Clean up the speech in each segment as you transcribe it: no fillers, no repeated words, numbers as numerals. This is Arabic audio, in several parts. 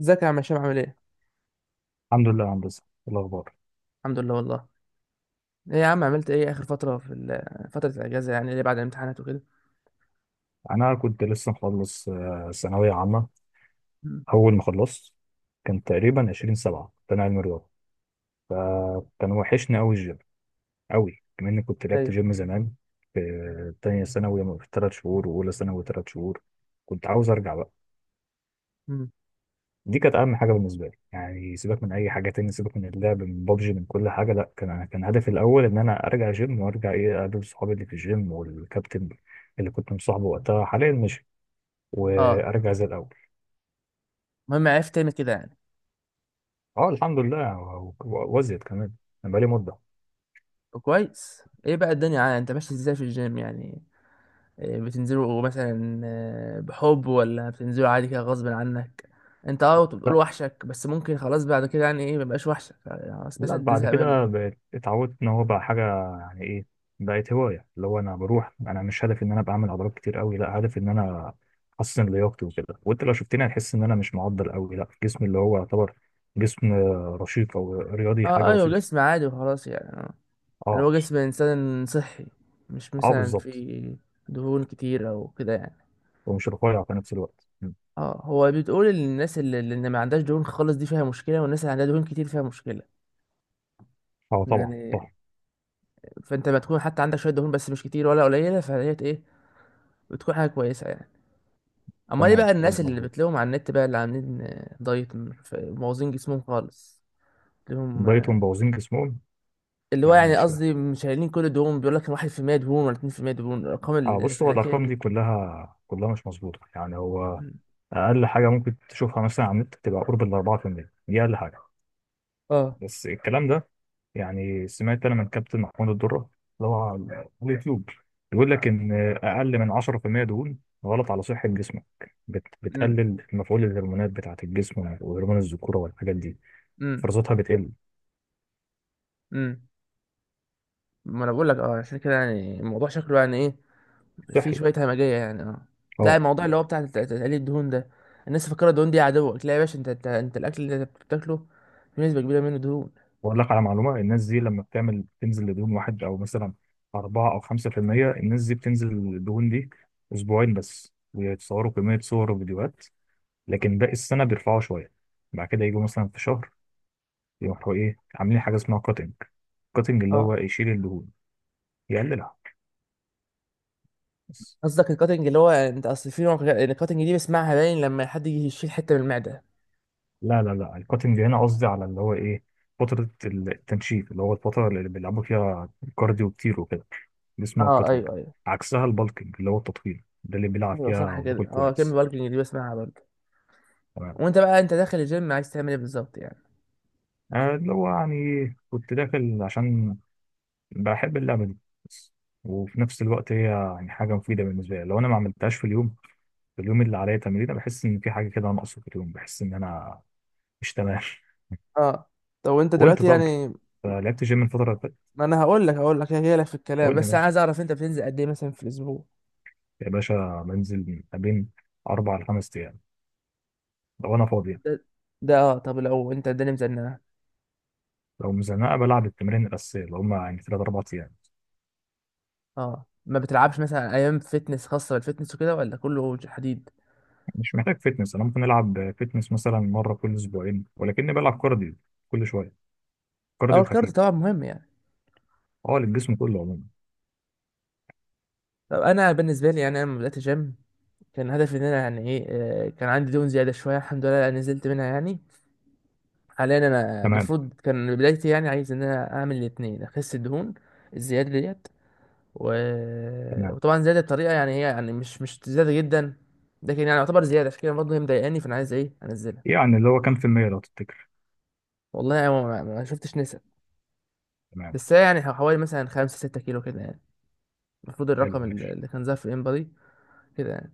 ازيك يا عم هشام عامل ايه؟ الحمد لله يا هندسة، إيه الأخبار؟ الحمد لله والله. ايه يا عم عملت ايه اخر فترة في فترة الاجازة يعني اللي بعد الامتحانات وكده. أنا كنت لسه مخلص ثانوية عامة. مم. أول ما خلصت كان تقريبا 20 سبعة، كان علم رياضة. كان وحشني أوي الجيم أوي، كمان إني كنت لعبت ايوه. جيم زمان في تانية ثانوي في 3 شهور، وأولى ثانوي 3 شهور. كنت عاوز أرجع بقى. امم دي كانت أهم حاجة بالنسبة لي، يعني سيبك من أي حاجة تاني، سيبك من اللعب، من بابجي، من كل حاجة. لأ، كان هدفي الأول إن أنا أرجع جيم، وأرجع إيه، أقابل صحابي اللي في الجيم، والكابتن اللي كنت مصاحبه وقتها، حاليا مشي. اه، وأرجع زي الأول. المهم عرفت تعمل كده يعني. اه الحمد لله، وازيد كمان. أنا بقالي مدة. طب كويس، ايه بقى الدنيا يعني انت ماشي ازاي في الجيم يعني؟ إيه بتنزلوا مثلا، بحب ولا بتنزلوا عادي كده غصب عنك؟ انت كنت بتقول لا وحشك، بس ممكن خلاص بعد كده يعني ايه مبقاش وحشك يعني خلاص لا، مثلا بعد تزهق منه؟ كده بقيت اتعودت ان هو بقى حاجة، يعني ايه، بقت هواية. اللي هو انا بروح، انا مش هدفي ان انا بعمل عضلات كتير قوي، لا هدفي ان انا احسن لياقتي وكده. وانت لو شفتني هتحس ان انا مش معضل قوي، لا جسمي اللي هو يعتبر جسم رشيق او اه رياضي، حاجة اه، ايوه بسيطة. جسم عادي وخلاص يعني. اللي اه هو جسم انسان صحي، مش اه، مثلا بالظبط. في دهون كتير او كده يعني. ومش رفيع في نفس الوقت. م. اه، هو بتقول ان الناس اللي ما عندهاش دهون خالص دي فيها مشكله، والناس اللي عندها دهون كتير فيها مشكله اه طبعا يعني. صح. فانت ما تكون حتى عندك شويه دهون بس مش كتير ولا قليله فديت ايه، بتكون حاجه كويسه يعني. اما ايه تمام، بقى كلام الناس اللي مظبوط. بتلاقيهم على النت بقى اللي عاملين دايت مبوظين جسمهم خالص لهم، دايتهم مبوظين جسمهم. اللي هو يعني يعني مش، قصدي مش شايلين كل دهون، بيقول لك 1% دهون ولا 2% دهون، الارقام اه بص، هو الفلكيه الارقام دي دي. كلها كلها مش مظبوطه. يعني هو مم. اقل حاجه ممكن تشوفها مثلا على النت تبقى قرب ال 4%. دي اقل حاجه. اه بس الكلام ده، يعني سمعت انا من كابتن محمود الدره اللي هو على اليوتيوب، بيقول لك ان اقل من 10% دهون غلط على صحه جسمك. امم بتقلل مفعول الهرمونات بتاعه الجسم، وهرمون الذكوره، والحاجات دي امم فرصتها بتقل. امم ما انا بقول لك عشان كده يعني الموضوع شكله يعني ايه، في صحي. شويه همجيه يعني لا، اه. الموضوع اللي هو بتاع تقليل الدهون ده، الناس فاكره الدهون دي عدوك. لا يا باشا، انت الاكل اللي انت بتاكله في نسبه كبيره منه دهون. بقول لك على معلومه، الناس دي لما بتعمل، بتنزل لدهون واحد، او مثلا 4 أو 5%. الناس دي بتنزل الدهون دي أسبوعين بس، ويتصوروا كمية صور وفيديوهات، لكن باقي السنة بيرفعوا شوية. بعد كده يجوا مثلا في شهر، يروحوا إيه، عاملين حاجة اسمها كاتنج. كاتنج اللي اه هو يشيل الدهون، يقللها بس. قصدك الكاتنج، اللي هو انت اصل في نوع الكاتنج دي بسمعها، باين لما حد يجي يشيل حته من المعده. لا لا لا، الكاتنج هنا قصدي على اللي هو ايه، فترة التنشيف، اللي هو الفترة اللي بيلعبوا فيها كارديو كتير وكده. دي اسمها اه كاتنج. ايوه ايوه. عكسها البالكنج، اللي هو التطويل ده اللي بيلعب ايوه فيها صح كده، وبياكل اه كلمه كويس. بالكنج دي بسمعها برضه. تمام. وانت بقى انت داخل الجيم عايز تعمل ايه بالظبط يعني؟ اللي هو يعني كنت داخل عشان بحب اللعبة دي بس. وفي نفس الوقت هي يعني حاجة مفيدة بالنسبة لي. لو أنا ما عملتهاش في اليوم، في اليوم اللي عليا تمرين، أنا بحس إن في حاجة كده ناقصة في اليوم، بحس إن أنا مش تمام. اه طب وانت وأنت دلوقتي طب، يعني، لعبت جيم الفترة اللي فاتت؟ ما انا هقول لك هي لك في الكلام، قول لي بس انا عايز ماشي. اعرف انت بتنزل قد ايه مثلا في الاسبوع؟ يا باشا، بنزل من ما بين 4 ل5 أيام لو أنا فاضي. ده ده اه، طب لو انت الدنيا مزنقه؟ لو مزنقة بلعب التمرين الأساسية، اللي هما يعني تلات أربع أيام. اه ما بتلعبش مثلا ايام فيتنس خاصه بالفيتنس وكده ولا كله حديد؟ مش محتاج فتنس، أنا ممكن ألعب فتنس مثلا مرة كل أسبوعين، ولكني بلعب كارديو كل شوية، اه كارديو الكارديو خفيف. طبعا مهم يعني. أه، للجسم كله عموما. طب انا بالنسبه لي يعني، انا لما بدات جيم كان هدفي ان انا يعني ايه، كان عندي دهون زياده شويه، الحمد لله نزلت منها يعني. حاليا انا تمام المفروض كان بدايتي يعني عايز ان انا اعمل الاثنين، اخس الدهون الزياده ديت، و... تمام، وطبعا زياده بطريقه يعني هي يعني مش زياده جدا، لكن يعني يعتبر زياده، عشان كده برضه هي مضايقاني، فانا عايز ايه انزلها. يعني اللي هو كام في المية لو تفتكر؟ والله انا ما شفتش نسب، تمام. بس هي يعني حوالي مثلا 5 6 كيلو كده يعني، المفروض حلو الرقم ماشي. اللي كان ظاهر في الانبادي كده يعني.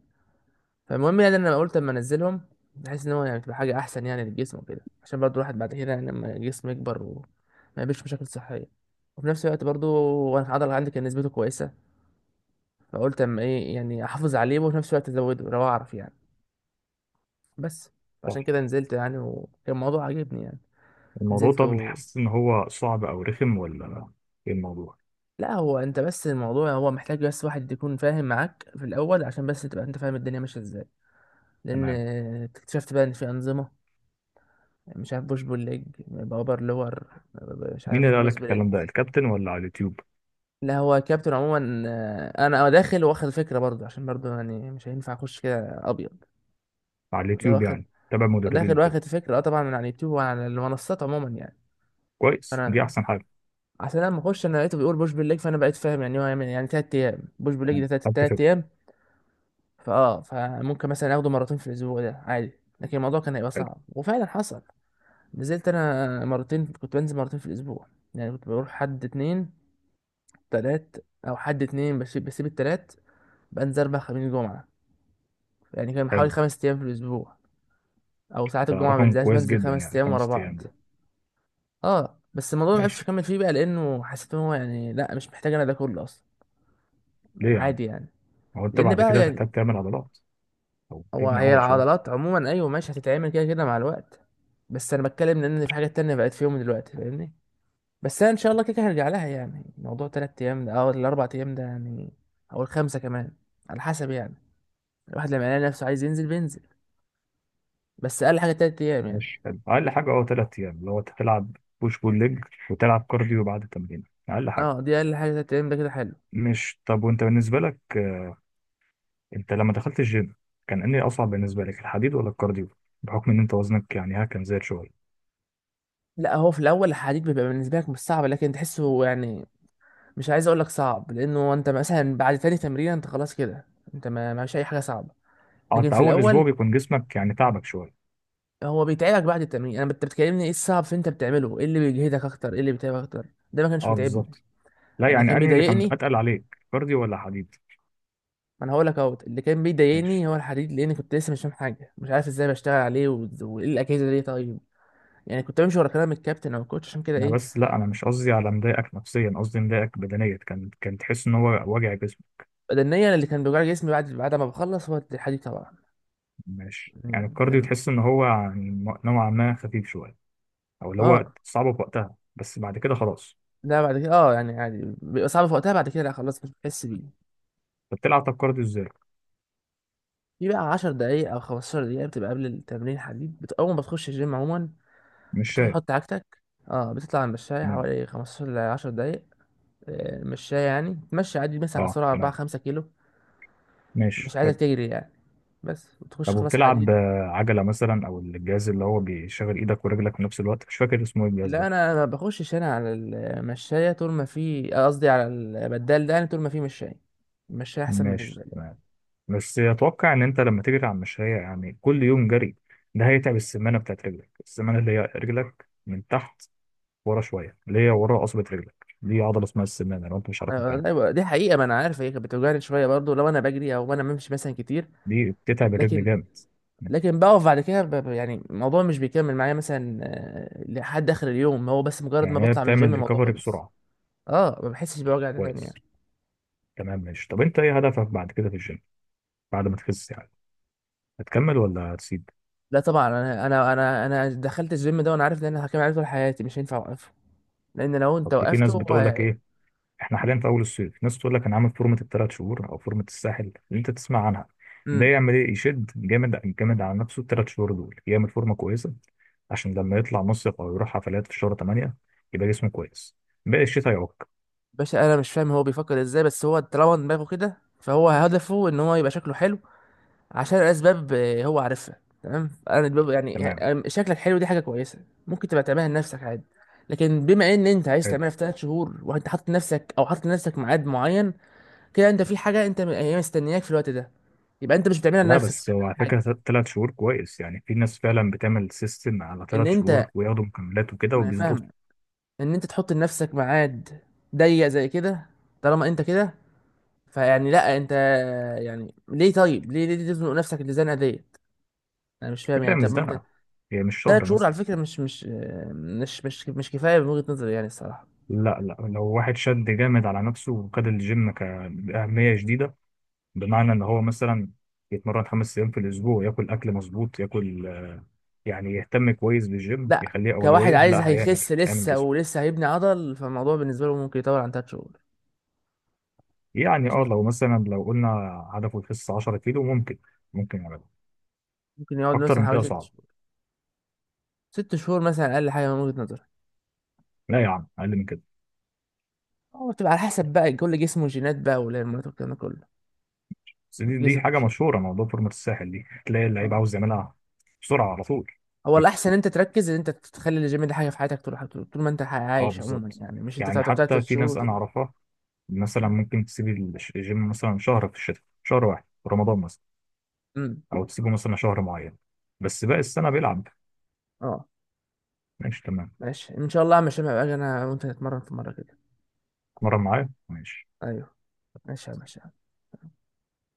فالمهم يعني انا قلت اما انزلهم، بحيث ان هو يعني تبقى حاجه احسن يعني للجسم وكده، عشان برضو الواحد بعد كده يعني لما الجسم يكبر وما يقابلش مشاكل صحيه، وفي نفس الوقت برضو وانا العضله عندي كان نسبته كويسه، فقلت اما ايه يعني احافظ عليه وفي نفس الوقت ازوده لو اعرف يعني. بس صح. عشان كده نزلت يعني، وكان الموضوع عجبني يعني. الموضوع نزلت طب، و... حاسس إن هو صعب أو رخم، ولا إيه الموضوع؟ لا هو انت، بس الموضوع هو محتاج بس واحد يكون فاهم معاك في الاول عشان بس تبقى انت فاهم الدنيا ماشيه ازاي، لان تمام. اكتشفت بقى ان في انظمه، مش عارف بوش بول ليج باور لور، مش مين عارف اللي قال بروس لك الكلام بليت. ده، الكابتن ولا على اليوتيوب؟ لا هو كابتن عموما، انا داخل واخد فكره برضه عشان برضه يعني مش هينفع اخش كده ابيض، على ده اليوتيوب، واخد يعني تابع مدربين داخل وكده؟ واخد فكره اه طبعا من على اليوتيوب وعلى المنصات عموما يعني، كويس، دي فانا أحسن حاجة. عشان لما اخش انا لقيته بيقول بوش بول ليج، فانا بقيت فاهم يعني هو هيعمل يعني 3 ايام بوش بول ليج تمام. ده تلات خدت تلات فكرة. ايام، فممكن مثلا اخده مرتين في الاسبوع ده عادي. لكن الموضوع كان هيبقى حلو. صعب وفعلا حصل. نزلت انا مرتين، كنت بنزل مرتين في الاسبوع، يعني كنت بروح حد اتنين تلات، او حد اتنين بسيب التلات. بنزل اربع خميس جمعة، يعني كان حوالي حلو، 5 ايام في الاسبوع، او ساعات ده الجمعة رقم بنزلش كويس بنزل جدا، خمس يعني ايام ورا خمس بعض. أيام ده. اه بس الموضوع ما عرفتش ماشي، اكمل فيه بقى، لانه حسيت ان هو يعني لا مش محتاج انا ده كله اصلا، ليه يا عم؟ عادي يعني. هو أنت لان بعد بقى كده يعني هتحتاج تعمل عضلات، أو هو، تبني هي عضل شوية. العضلات عموما ايوه ماشي هتتعمل كده كده مع الوقت، بس انا بتكلم لان في حاجات تانية بقت في يوم دلوقتي فاهمني، بس انا ان شاء الله كده كده هرجع لها، يعني موضوع تلات ايام ده او الاربع ايام ده يعني او الخمسة كمان، على حسب يعني، الواحد لما يلاقي نفسه عايز ينزل بينزل، بس اقل حاجه 3 ايام يعني. ماشي حلو، أقل حاجة أه تلات أيام، اللي هو تلعب بوش بول ليج، وتلعب كارديو بعد التمرين. أقل حاجة. اه دي اقل حاجه 3 ايام ده كده حلو. مش طب، وأنت بالنسبة لك، أنت لما دخلت الجيم كان إيه أصعب بالنسبة لك، الحديد ولا الكارديو؟ بحكم إن أنت وزنك يعني ها، كان زاد شوية. لا هو في الاول الحديد بيبقى بالنسبه لك مش صعب، لكن تحسه يعني، مش عايز اقول لك صعب، لانه انت مثلا بعد تاني تمرين انت خلاص كده انت ما معكش اي حاجه صعبه، أه، لكن أنت في أول أسبوع الاول بيكون جسمك يعني تعبك شوية. هو بيتعبك بعد التمرين. انا انت بتكلمني ايه الصعب في انت بتعمله، ايه اللي بيجهدك اكتر، ايه اللي بيتعبك اكتر؟ ده ما كانش أه بيتعبني. بالظبط. لا انا يعني كان أنهي اللي كان بيضايقني، أتقل عليك، كارديو ولا حديد؟ ما انا هقول لك اهو اللي كان ماشي. بيضايقني هو الحديد، لان كنت لسه مش فاهم حاجه مش عارف ازاي بشتغل عليه وايه الاجهزه دي طيب، يعني كنت بمشي ورا كلام الكابتن او الكوتش عشان كده انا ايه. بس، لا انا مش قصدي على مضايقك نفسيا، قصدي مضايقك بدنيا. كان كان تحس ان هو وجع جسمك؟ بدنيا، أنا اللي كان بيوجع لي جسمي بعد ما بخلص هو الحديد طبعا ماشي، يعني يعني الكارديو كان. تحس ان هو يعني نوعا ما خفيف شويه، او اللي هو اه صعب في وقتها بس بعد كده خلاص؟ لا، بعد كده اه يعني عادي بيبقى صعب في وقتها، بعد كده لا خلاص مش بتحس بيه. طب بتلعب، طب كارديو ازاي؟ في بقى 10 دقايق او 15 دقيقة بتبقى قبل التمرين حديد، اول ما بتخش الجيم عموما مش بتروح شايف. تحط عجتك. اه، بتطلع على المشاية تمام. حوالي 15 ل 10 دقايق، مشاية يعني تمشي عادي مثلا على اه سرعة 4 تمام. 5 كيلو، مش ماشي عايزك حلو. تجري يعني، بس وتخش طب خلاص وبتلعب حديد. عجله مثلا، او الجهاز اللي هو بيشغل ايدك ورجلك في نفس الوقت، مش فاكر اسمه ايه الجهاز لا ده؟ انا ما بخشش انا على المشايه، طول ما في قصدي على البدال ده يعني، طول ما في مشايه المشايه احسن بالنسبه ماشي لي. تمام. بس اتوقع ان انت لما تجري على المشاية يعني كل يوم جري، ده هيتعب السمانة بتاعت رجلك، السمانة اللي هي رجلك من تحت ورا شوية، اللي هي ورا قصبة رجلك، دي عضلة اسمها السمانة لو انت مش عارف مكانها. ايوه دي حقيقه، ما انا عارف هي كانت بتوجعني شويه برضو لو انا بجري او انا بمشي مثلا كتير، دي بتتعب الرجل لكن، جامد. لكن بقف بعد كده يعني الموضوع مش بيكمل معايا مثلا، لحد اخر اليوم، هو بس مجرد ما يعني هي بطلع من الجيم بتعمل الموضوع ريكفري خلص، بسرعة. اه ما بحسش بوجع ده تاني كويس. يعني. تمام ماشي. طب انت ايه هدفك بعد كده في الجيم، بعد ما تخس يعني؟ هتكمل ولا هتسيب؟ لا طبعا، انا دخلت الجيم ده وانا عارف ان انا هكمل عليه طول حياتي، مش هينفع اوقفه، لان لو انت اصل في وقفته ناس بتقول لك هو. ايه، احنا حاليا في اول الصيف، ناس تقول لك انا عامل فورمه ال3 شهور، او فورمه الساحل اللي انت تسمع عنها. ده يعمل ايه، يشد جامد جامد على نفسه ال3 شهور دول، يعمل فورمه كويسه، عشان لما يطلع مصيف او يروح حفلات في شهر 8، يبقى جسمه كويس. باقي الشتاء يعك. باشا انا مش فاهم هو بيفكر ازاي، بس هو طالما دماغه كده فهو هدفه ان هو يبقى شكله حلو عشان اسباب، هو عارفها تمام، انا يعني تمام. شكلك حلو دي حاجه كويسه ممكن تبقى تعملها لنفسك عادي، لكن بما ان انت عايز حلو. تعملها في 3 شهور وانت حاطط نفسك او حاطط لنفسك ميعاد معين، كده انت في حاجه انت هي مستنياك في الوقت ده، يبقى انت مش بتعملها لا لنفسك، بس بتعملها هو على حاجه، فكره، 3 شهور كويس. يعني في ناس فعلا بتعمل سيستم على ان ثلاث انت شهور وياخدوا مكملات وكده ما وبيظبطوا. فاهم ان انت تحط لنفسك ميعاد ضيق زي كده، طالما انت كده فيعني، لا انت يعني ليه، طيب ليه تزنق نفسك الزنقه ديت؟ انا مش فاهم الفكره يعني، طب مش ما انت، ده، هي مش ثلاث شهر شهور مثلا. على فكره مش كفايه من وجهه نظري يعني الصراحه. لا لا، لو واحد شد جامد على نفسه، وخد الجيم كأهمية شديدة، بمعنى ان هو مثلا يتمرن 5 أيام في الاسبوع، ياكل اكل مظبوط، ياكل يعني يهتم كويس بالجيم، لا، يخليه كواحد اولويه، عايز لا هيعمل هيخس هيعمل لسه جسم. ولسه هيبني عضل فالموضوع بالنسبه له ممكن يطول عن 3 شهور، انا يعني اه شايف كده، لو مثلا، لو قلنا هدفه يخس 10 كيلو، ممكن، ممكن يعمله. ممكن يقعد اكتر مثلا من حوالي كده ست صعب. شهور ست شهور مثلا اقل حاجه من وجهه نظري، لا يا عم، اقل من كده. هو بتبقى على حسب بقى كل جسمه، جينات بقى والهرمونات والكلام ده كله، بس دي جسمك حاجه وجينات. مشهوره، موضوع فورمه الساحل دي، تلاقي اللعيب آه. عاوز يعملها بسرعه على طول. هو الأحسن أنت تركز إن أنت تخلي الجيم ده حاجة في حياتك طول طول طول ما أنت اه عايش عموما، بالظبط. يعني مش أنت يعني تقعد تلات حتى في شهور ناس وت... انا اعرفها مثلا مم. ممكن تسيب الجيم مثلا شهر في الشتاء، شهر واحد في رمضان مثلا، مم. او تسيبه مثلا شهر معين، بس باقي السنه بيلعب. أه. ماشي تمام. ماشي إن شاء الله يا هشام، هبقى أجي أنا وأنت نتمرن في مرة كده. مرة معايا ماشي. أيوه ماشي يا هشام.